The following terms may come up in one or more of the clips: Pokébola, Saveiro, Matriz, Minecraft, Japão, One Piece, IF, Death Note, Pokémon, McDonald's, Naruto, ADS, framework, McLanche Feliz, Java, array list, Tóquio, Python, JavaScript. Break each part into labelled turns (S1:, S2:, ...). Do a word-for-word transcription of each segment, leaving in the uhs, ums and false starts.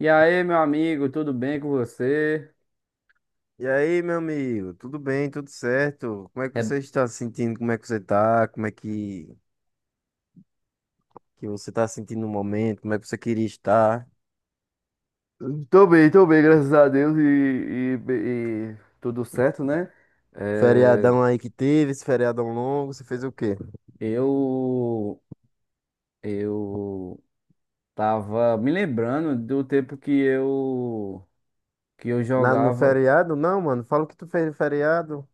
S1: E aí, meu amigo, tudo bem com você?
S2: E aí, meu amigo, tudo bem, tudo certo? Como é que
S1: É,
S2: você está se sentindo? Como é que você está? Como é que, que você está se sentindo no momento? Como é que você queria estar?
S1: Tô bem, tô bem, graças a Deus e, e- e tudo certo, né? é,
S2: Feriadão aí que teve, esse feriadão longo, você fez o quê?
S1: eu eu tava me lembrando do tempo que eu que eu
S2: Na, no
S1: jogava
S2: feriado? Não, mano, fala o que tu fez no feriado.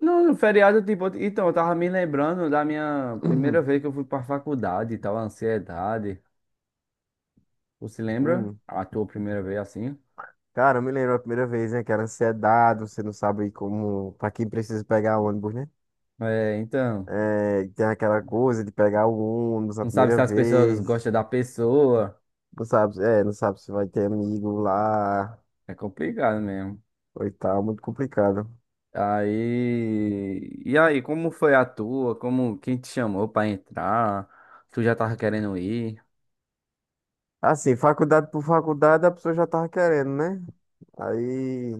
S1: no no feriado. Tipo, então eu tava me lembrando da minha primeira vez que eu fui pra faculdade, e tal, a ansiedade. Você se lembra?
S2: Hum.
S1: A tua primeira vez assim?
S2: Cara, eu me lembro a primeira vez, né, que era ansiedade, você não sabe como, pra quem precisa pegar ônibus, né?
S1: É, então,
S2: É, tem aquela coisa de pegar o ônibus a
S1: não sabe se
S2: primeira
S1: as pessoas
S2: vez,
S1: gostam da pessoa.
S2: não sabe, é, não sabe se vai ter amigo lá.
S1: É complicado mesmo.
S2: Oitava, muito complicado.
S1: Aí, e aí, como foi a tua? Como, quem te chamou pra entrar? Tu já tava querendo ir?
S2: Assim, faculdade por faculdade, a pessoa já tava querendo, né? Aí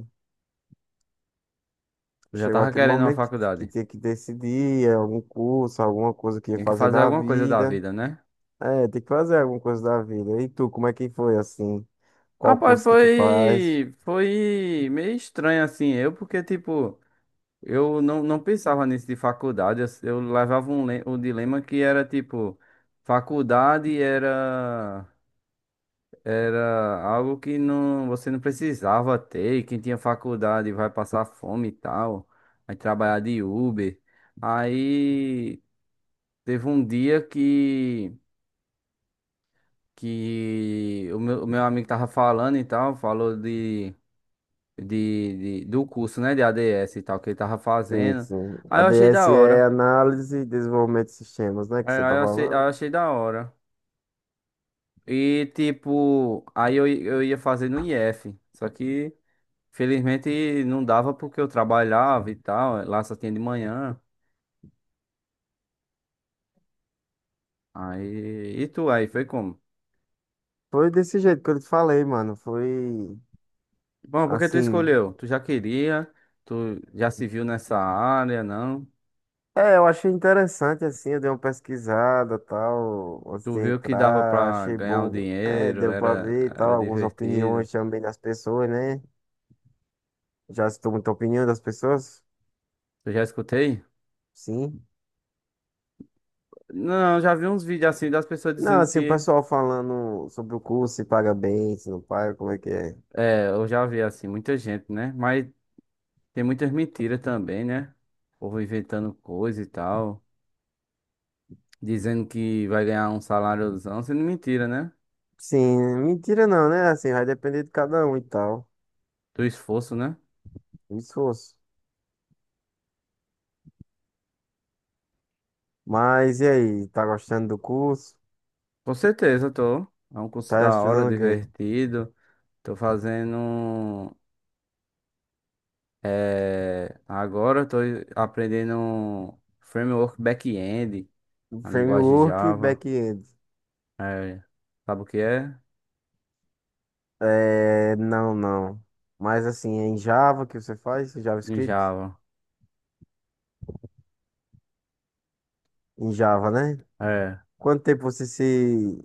S1: Tu já
S2: chegou
S1: tava
S2: aquele
S1: querendo uma
S2: momento que, que
S1: faculdade?
S2: tinha que decidir é, algum curso, alguma coisa que ia
S1: Tinha que
S2: fazer
S1: fazer
S2: da
S1: alguma coisa da
S2: vida.
S1: vida, né?
S2: É, tem que fazer alguma coisa da vida. E tu, como é que foi assim? Qual
S1: Rapaz,
S2: curso que tu faz?
S1: foi foi meio estranho assim. Eu porque tipo, eu não, não pensava nisso de faculdade. Eu, eu levava um le- um dilema que era tipo, faculdade era. Era algo que não, você não precisava ter. e Quem tinha faculdade vai passar fome e tal. Vai trabalhar de Uber. Aí teve um dia que, que o meu, o meu amigo tava falando e tal, falou de, de, de- do curso, né, de A D S e tal, que ele tava
S2: Sim,
S1: fazendo.
S2: sim.
S1: Aí eu achei da
S2: A D S é
S1: hora.
S2: análise e desenvolvimento de sistemas, né? Que
S1: Aí
S2: você
S1: aí
S2: tá
S1: eu achei, aí
S2: falando.
S1: eu achei da hora. E tipo, aí eu, i- eu ia fazer no I F. Só que, felizmente não dava porque eu trabalhava e tal, lá só tinha de manhã. Aí, e tu aí, foi como?
S2: Foi desse jeito que eu te falei, mano. Foi
S1: Bom, porque tu
S2: assim.
S1: escolheu? Tu já queria, tu já se viu nessa área, não?
S2: É, eu achei interessante, assim, eu dei uma pesquisada, tal, antes
S1: Tu
S2: de
S1: viu que dava
S2: entrar,
S1: pra
S2: achei
S1: ganhar um
S2: bom, é,
S1: dinheiro,
S2: deu pra
S1: era,
S2: ver, e tal,
S1: era
S2: algumas
S1: divertido.
S2: opiniões também das pessoas, né? Já citou muita opinião das pessoas?
S1: Tu já escutei?
S2: Sim.
S1: Não, já vi uns vídeos assim das pessoas
S2: Não,
S1: dizendo
S2: assim, o
S1: que,
S2: pessoal falando sobre o curso, se paga bem, se não paga, como é que é?
S1: é, eu já vi assim, muita gente, né? Mas tem muitas mentiras também, né? O povo inventando coisa e tal. Dizendo que vai ganhar um saláriozão, sendo mentira, né?
S2: Sim, mentira não, né? Assim, vai depender de cada um e tal,
S1: Do esforço, né?
S2: o esforço. Mas e aí, tá gostando do curso?
S1: Com certeza, tô. É um curso
S2: Tá
S1: da hora,
S2: estudando o quê?
S1: divertido. Tô fazendo. É... Agora tô aprendendo framework back-end, a linguagem
S2: Framework, e
S1: Java.
S2: back-end.
S1: É... Sabe o que é?
S2: É, não, não. Mas assim, é em Java que você faz, em
S1: Em
S2: JavaScript?
S1: Java.
S2: Em Java, né?
S1: É.
S2: Quanto tempo você se,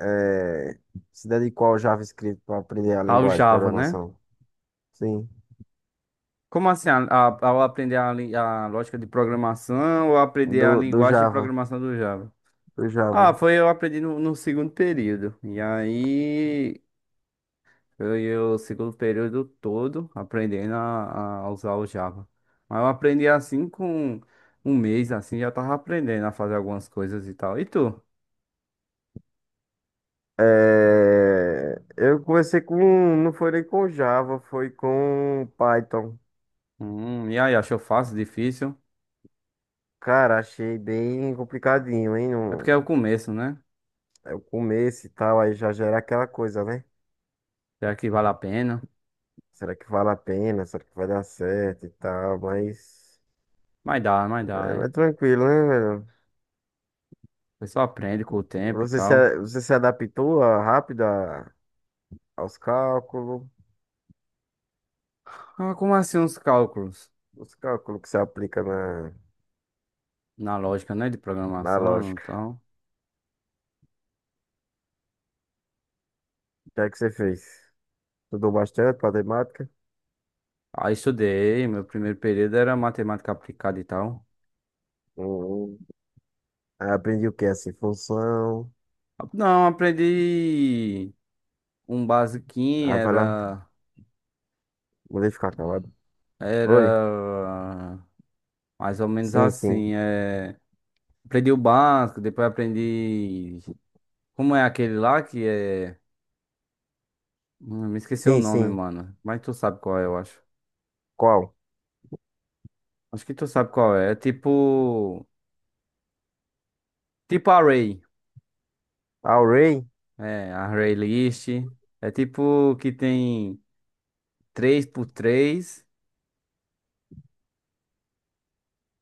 S2: eh, se dedicou ao JavaScript para aprender a
S1: Ao
S2: linguagem de
S1: Java, né?
S2: programação? Sim,
S1: Como assim? A- a- Ao aprender a, li- a lógica de programação ou aprender a
S2: do, do
S1: linguagem de
S2: Java,
S1: programação do Java?
S2: do
S1: Ah,
S2: Java.
S1: foi, eu aprendi no, no segundo período. E aí foi o segundo período todo aprendendo a, a usar o Java. Mas eu aprendi assim com um mês, assim, já tava aprendendo a fazer algumas coisas e tal. E tu?
S2: Eh, eu comecei com, não foi nem com Java, foi com Python.
S1: Hum, e aí, achou fácil, difícil?
S2: Cara, achei bem complicadinho, hein?
S1: É porque
S2: Não-
S1: é o começo, né?
S2: É o começo e tal, aí já gera aquela coisa, né?
S1: Será que vale a pena?
S2: Será que vale a pena? Será que vai dar certo e tal? Mas,
S1: Mas dá, mas dá,
S2: mas é
S1: né?
S2: tranquilo, né, velho?
S1: Você só aprende com o tempo e
S2: Você se,
S1: tal.
S2: a- você se adaptou ah, rápido a- aos cálculos,
S1: Ah, como assim uns cálculos?
S2: os cálculos que você aplica na,
S1: Na lógica, né? De
S2: na
S1: programação e
S2: lógica.
S1: tal.
S2: O que é que você fez? Estudou bastante matemática?
S1: Ah, estudei. Meu primeiro período era matemática aplicada e tal.
S2: Uhum. Aí aprendi o que? Assim, função.
S1: Não, aprendi um basiquinho,
S2: Ah, vai lá.
S1: era,
S2: Vou ficar calado. Oi?
S1: era mais ou menos
S2: Sim, sim.
S1: assim. É, aprendi o básico, depois aprendi. Como é aquele lá que é. Hum, Me esqueci o
S2: Sim,
S1: nome,
S2: sim.
S1: mano. Mas tu sabe qual é, eu acho.
S2: Qual?
S1: Acho que tu sabe qual é. É tipo. Tipo array.
S2: Array?
S1: É, array list. É tipo que tem três por três.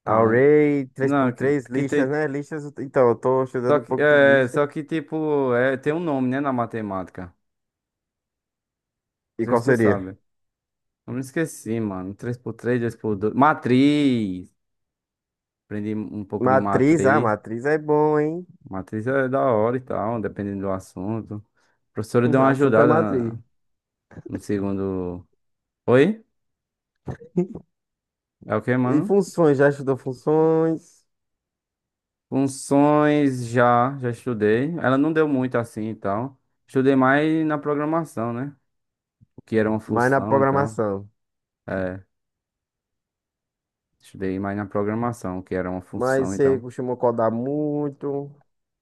S1: Não, é-
S2: Array três
S1: não,
S2: por
S1: que,
S2: três
S1: que
S2: lixas,
S1: tem.
S2: né? Lixas, então, eu tô
S1: Só
S2: estudando um
S1: que,
S2: pouco de
S1: é, só que tipo, é, tem um nome, né, na matemática. Não
S2: E
S1: sei
S2: qual
S1: se tu
S2: seria?
S1: sabe. Eu me esqueci, mano. Três por três, dois por dois. Matriz! Aprendi um pouco de
S2: Matriz, ah,
S1: matriz.
S2: matriz é bom, hein?
S1: Matriz é da hora e tal, dependendo do assunto. A professora deu
S2: O
S1: uma
S2: assunto é
S1: ajudada na-
S2: matriz.
S1: no segundo. Oi? É o que,
S2: E
S1: mano?
S2: funções, já estudou funções,
S1: Funções já, já estudei. Ela não deu muito assim e tal. Estudei mais na programação, né? O que era uma
S2: mas na
S1: função e tal.
S2: programação.
S1: É, estudei mais na programação, o que era uma função
S2: Mas
S1: e
S2: você
S1: tal.
S2: costuma codar muito.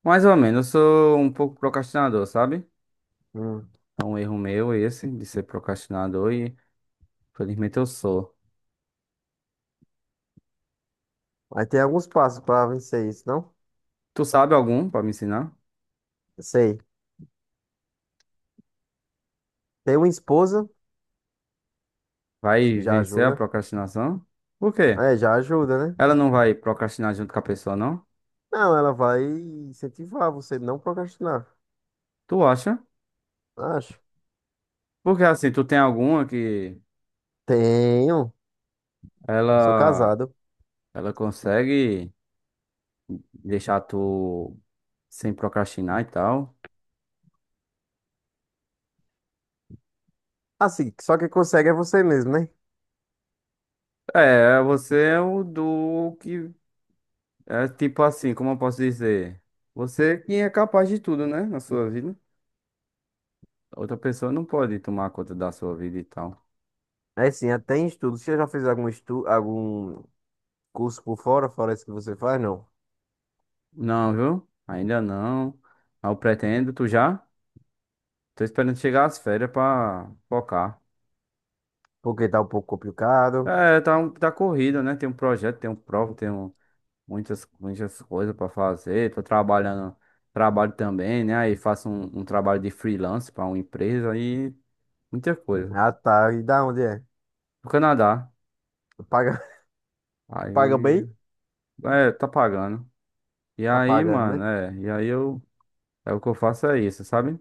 S1: Mais ou menos, eu sou um pouco procrastinador, sabe?
S2: Hum.
S1: É um erro meu esse, de ser procrastinador e felizmente eu sou.
S2: Aí tem alguns passos para vencer isso, não?
S1: Tu sabe algum pra me ensinar?
S2: Sei. Tem uma esposa, acho
S1: Vai
S2: que já
S1: vencer a
S2: ajuda.
S1: procrastinação? Por quê?
S2: É, já ajuda, né?
S1: Ela não vai procrastinar junto com a pessoa, não?
S2: Não, ela vai incentivar você não procrastinar.
S1: Tu acha?
S2: Acho.
S1: Porque assim, tu tem alguma que
S2: Tenho. Sou
S1: ela
S2: casado.
S1: ela consegue deixar tu sem procrastinar e tal?
S2: Assim, só quem consegue é você mesmo, né?
S1: É, você é o do que é tipo assim, como eu posso dizer? Você que é capaz de tudo, né, na sua vida. Outra pessoa não pode tomar conta da sua vida e tal.
S2: É sim, até em estudos. Você já fez algum estudo, algum curso por fora, fora isso que você faz, não.
S1: Não, viu? Ainda não. Ah, eu pretendo, tu já? Tô esperando chegar as férias pra focar.
S2: Porque tá um pouco complicado.
S1: É, tá, um- tá corrido, né? Tem um projeto, tem um prova, tem um- muitas, muitas coisas pra fazer. Tô trabalhando, trabalho também, né? Aí faço um, um trabalho de freelance pra uma empresa e muita coisa.
S2: Ah, tá. E da onde é?
S1: No Canadá.
S2: Paga, paga
S1: Aí,
S2: bem?
S1: é, tá pagando. E
S2: Tá
S1: aí,
S2: pagando,
S1: mano,
S2: né?
S1: é, e aí eu, é o que eu faço é isso, sabe?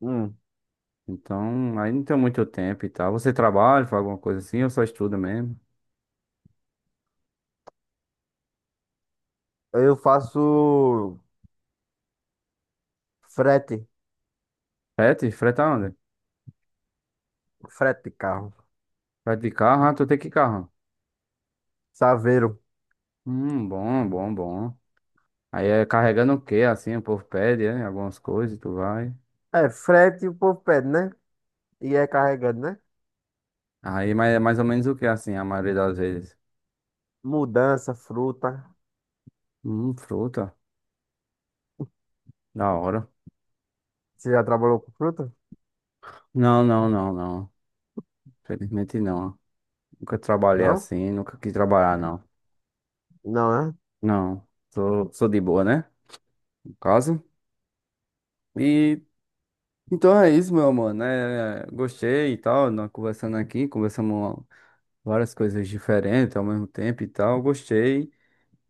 S2: Hum.
S1: Então, aí não tem muito tempo e tal. Você trabalha, faz alguma coisa assim, ou só estuda mesmo?
S2: Eu faço frete.
S1: Frete? Freta onde?
S2: Frete de carro.
S1: Frete de carro? Ah, tu tem que carro?
S2: Saveiro.
S1: Hum, bom, bom, bom. Aí é carregando o quê, assim, o povo pede, é, algumas coisas, tu vai.
S2: É, frete o povo pede, né? E é carregando né?
S1: Aí, mas é mais ou menos o que, assim, a maioria das vezes?
S2: Mudança, fruta.
S1: Hum, fruta, da hora.
S2: Você já trabalhou com fruta?
S1: Não, não, não, não. Felizmente não. Nunca trabalhei
S2: Não?
S1: assim, nunca quis trabalhar, não.
S2: Não, né?
S1: Não, sou, sou de boa, né? No caso. E então é isso, meu mano. É, gostei e tal, nós conversando aqui, conversamos várias coisas diferentes ao mesmo tempo e tal. Gostei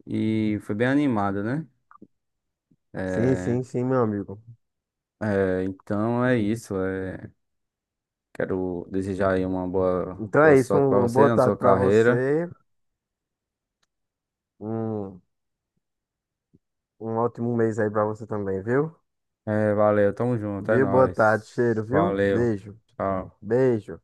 S1: e foi bem animado, né?
S2: Sim,
S1: É,
S2: sim, sim, meu amigo.
S1: é, então é isso. é, quero desejar aí uma boa,
S2: Então
S1: boa
S2: é isso.
S1: sorte pra
S2: Uma
S1: você
S2: boa
S1: na sua
S2: tarde pra
S1: carreira.
S2: você. Um, um ótimo mês aí pra você também, viu?
S1: É, valeu, tamo junto, é
S2: Viu? Boa tarde,
S1: nóis.
S2: cheiro, viu?
S1: Valeu,
S2: Beijo,
S1: tchau.
S2: beijo.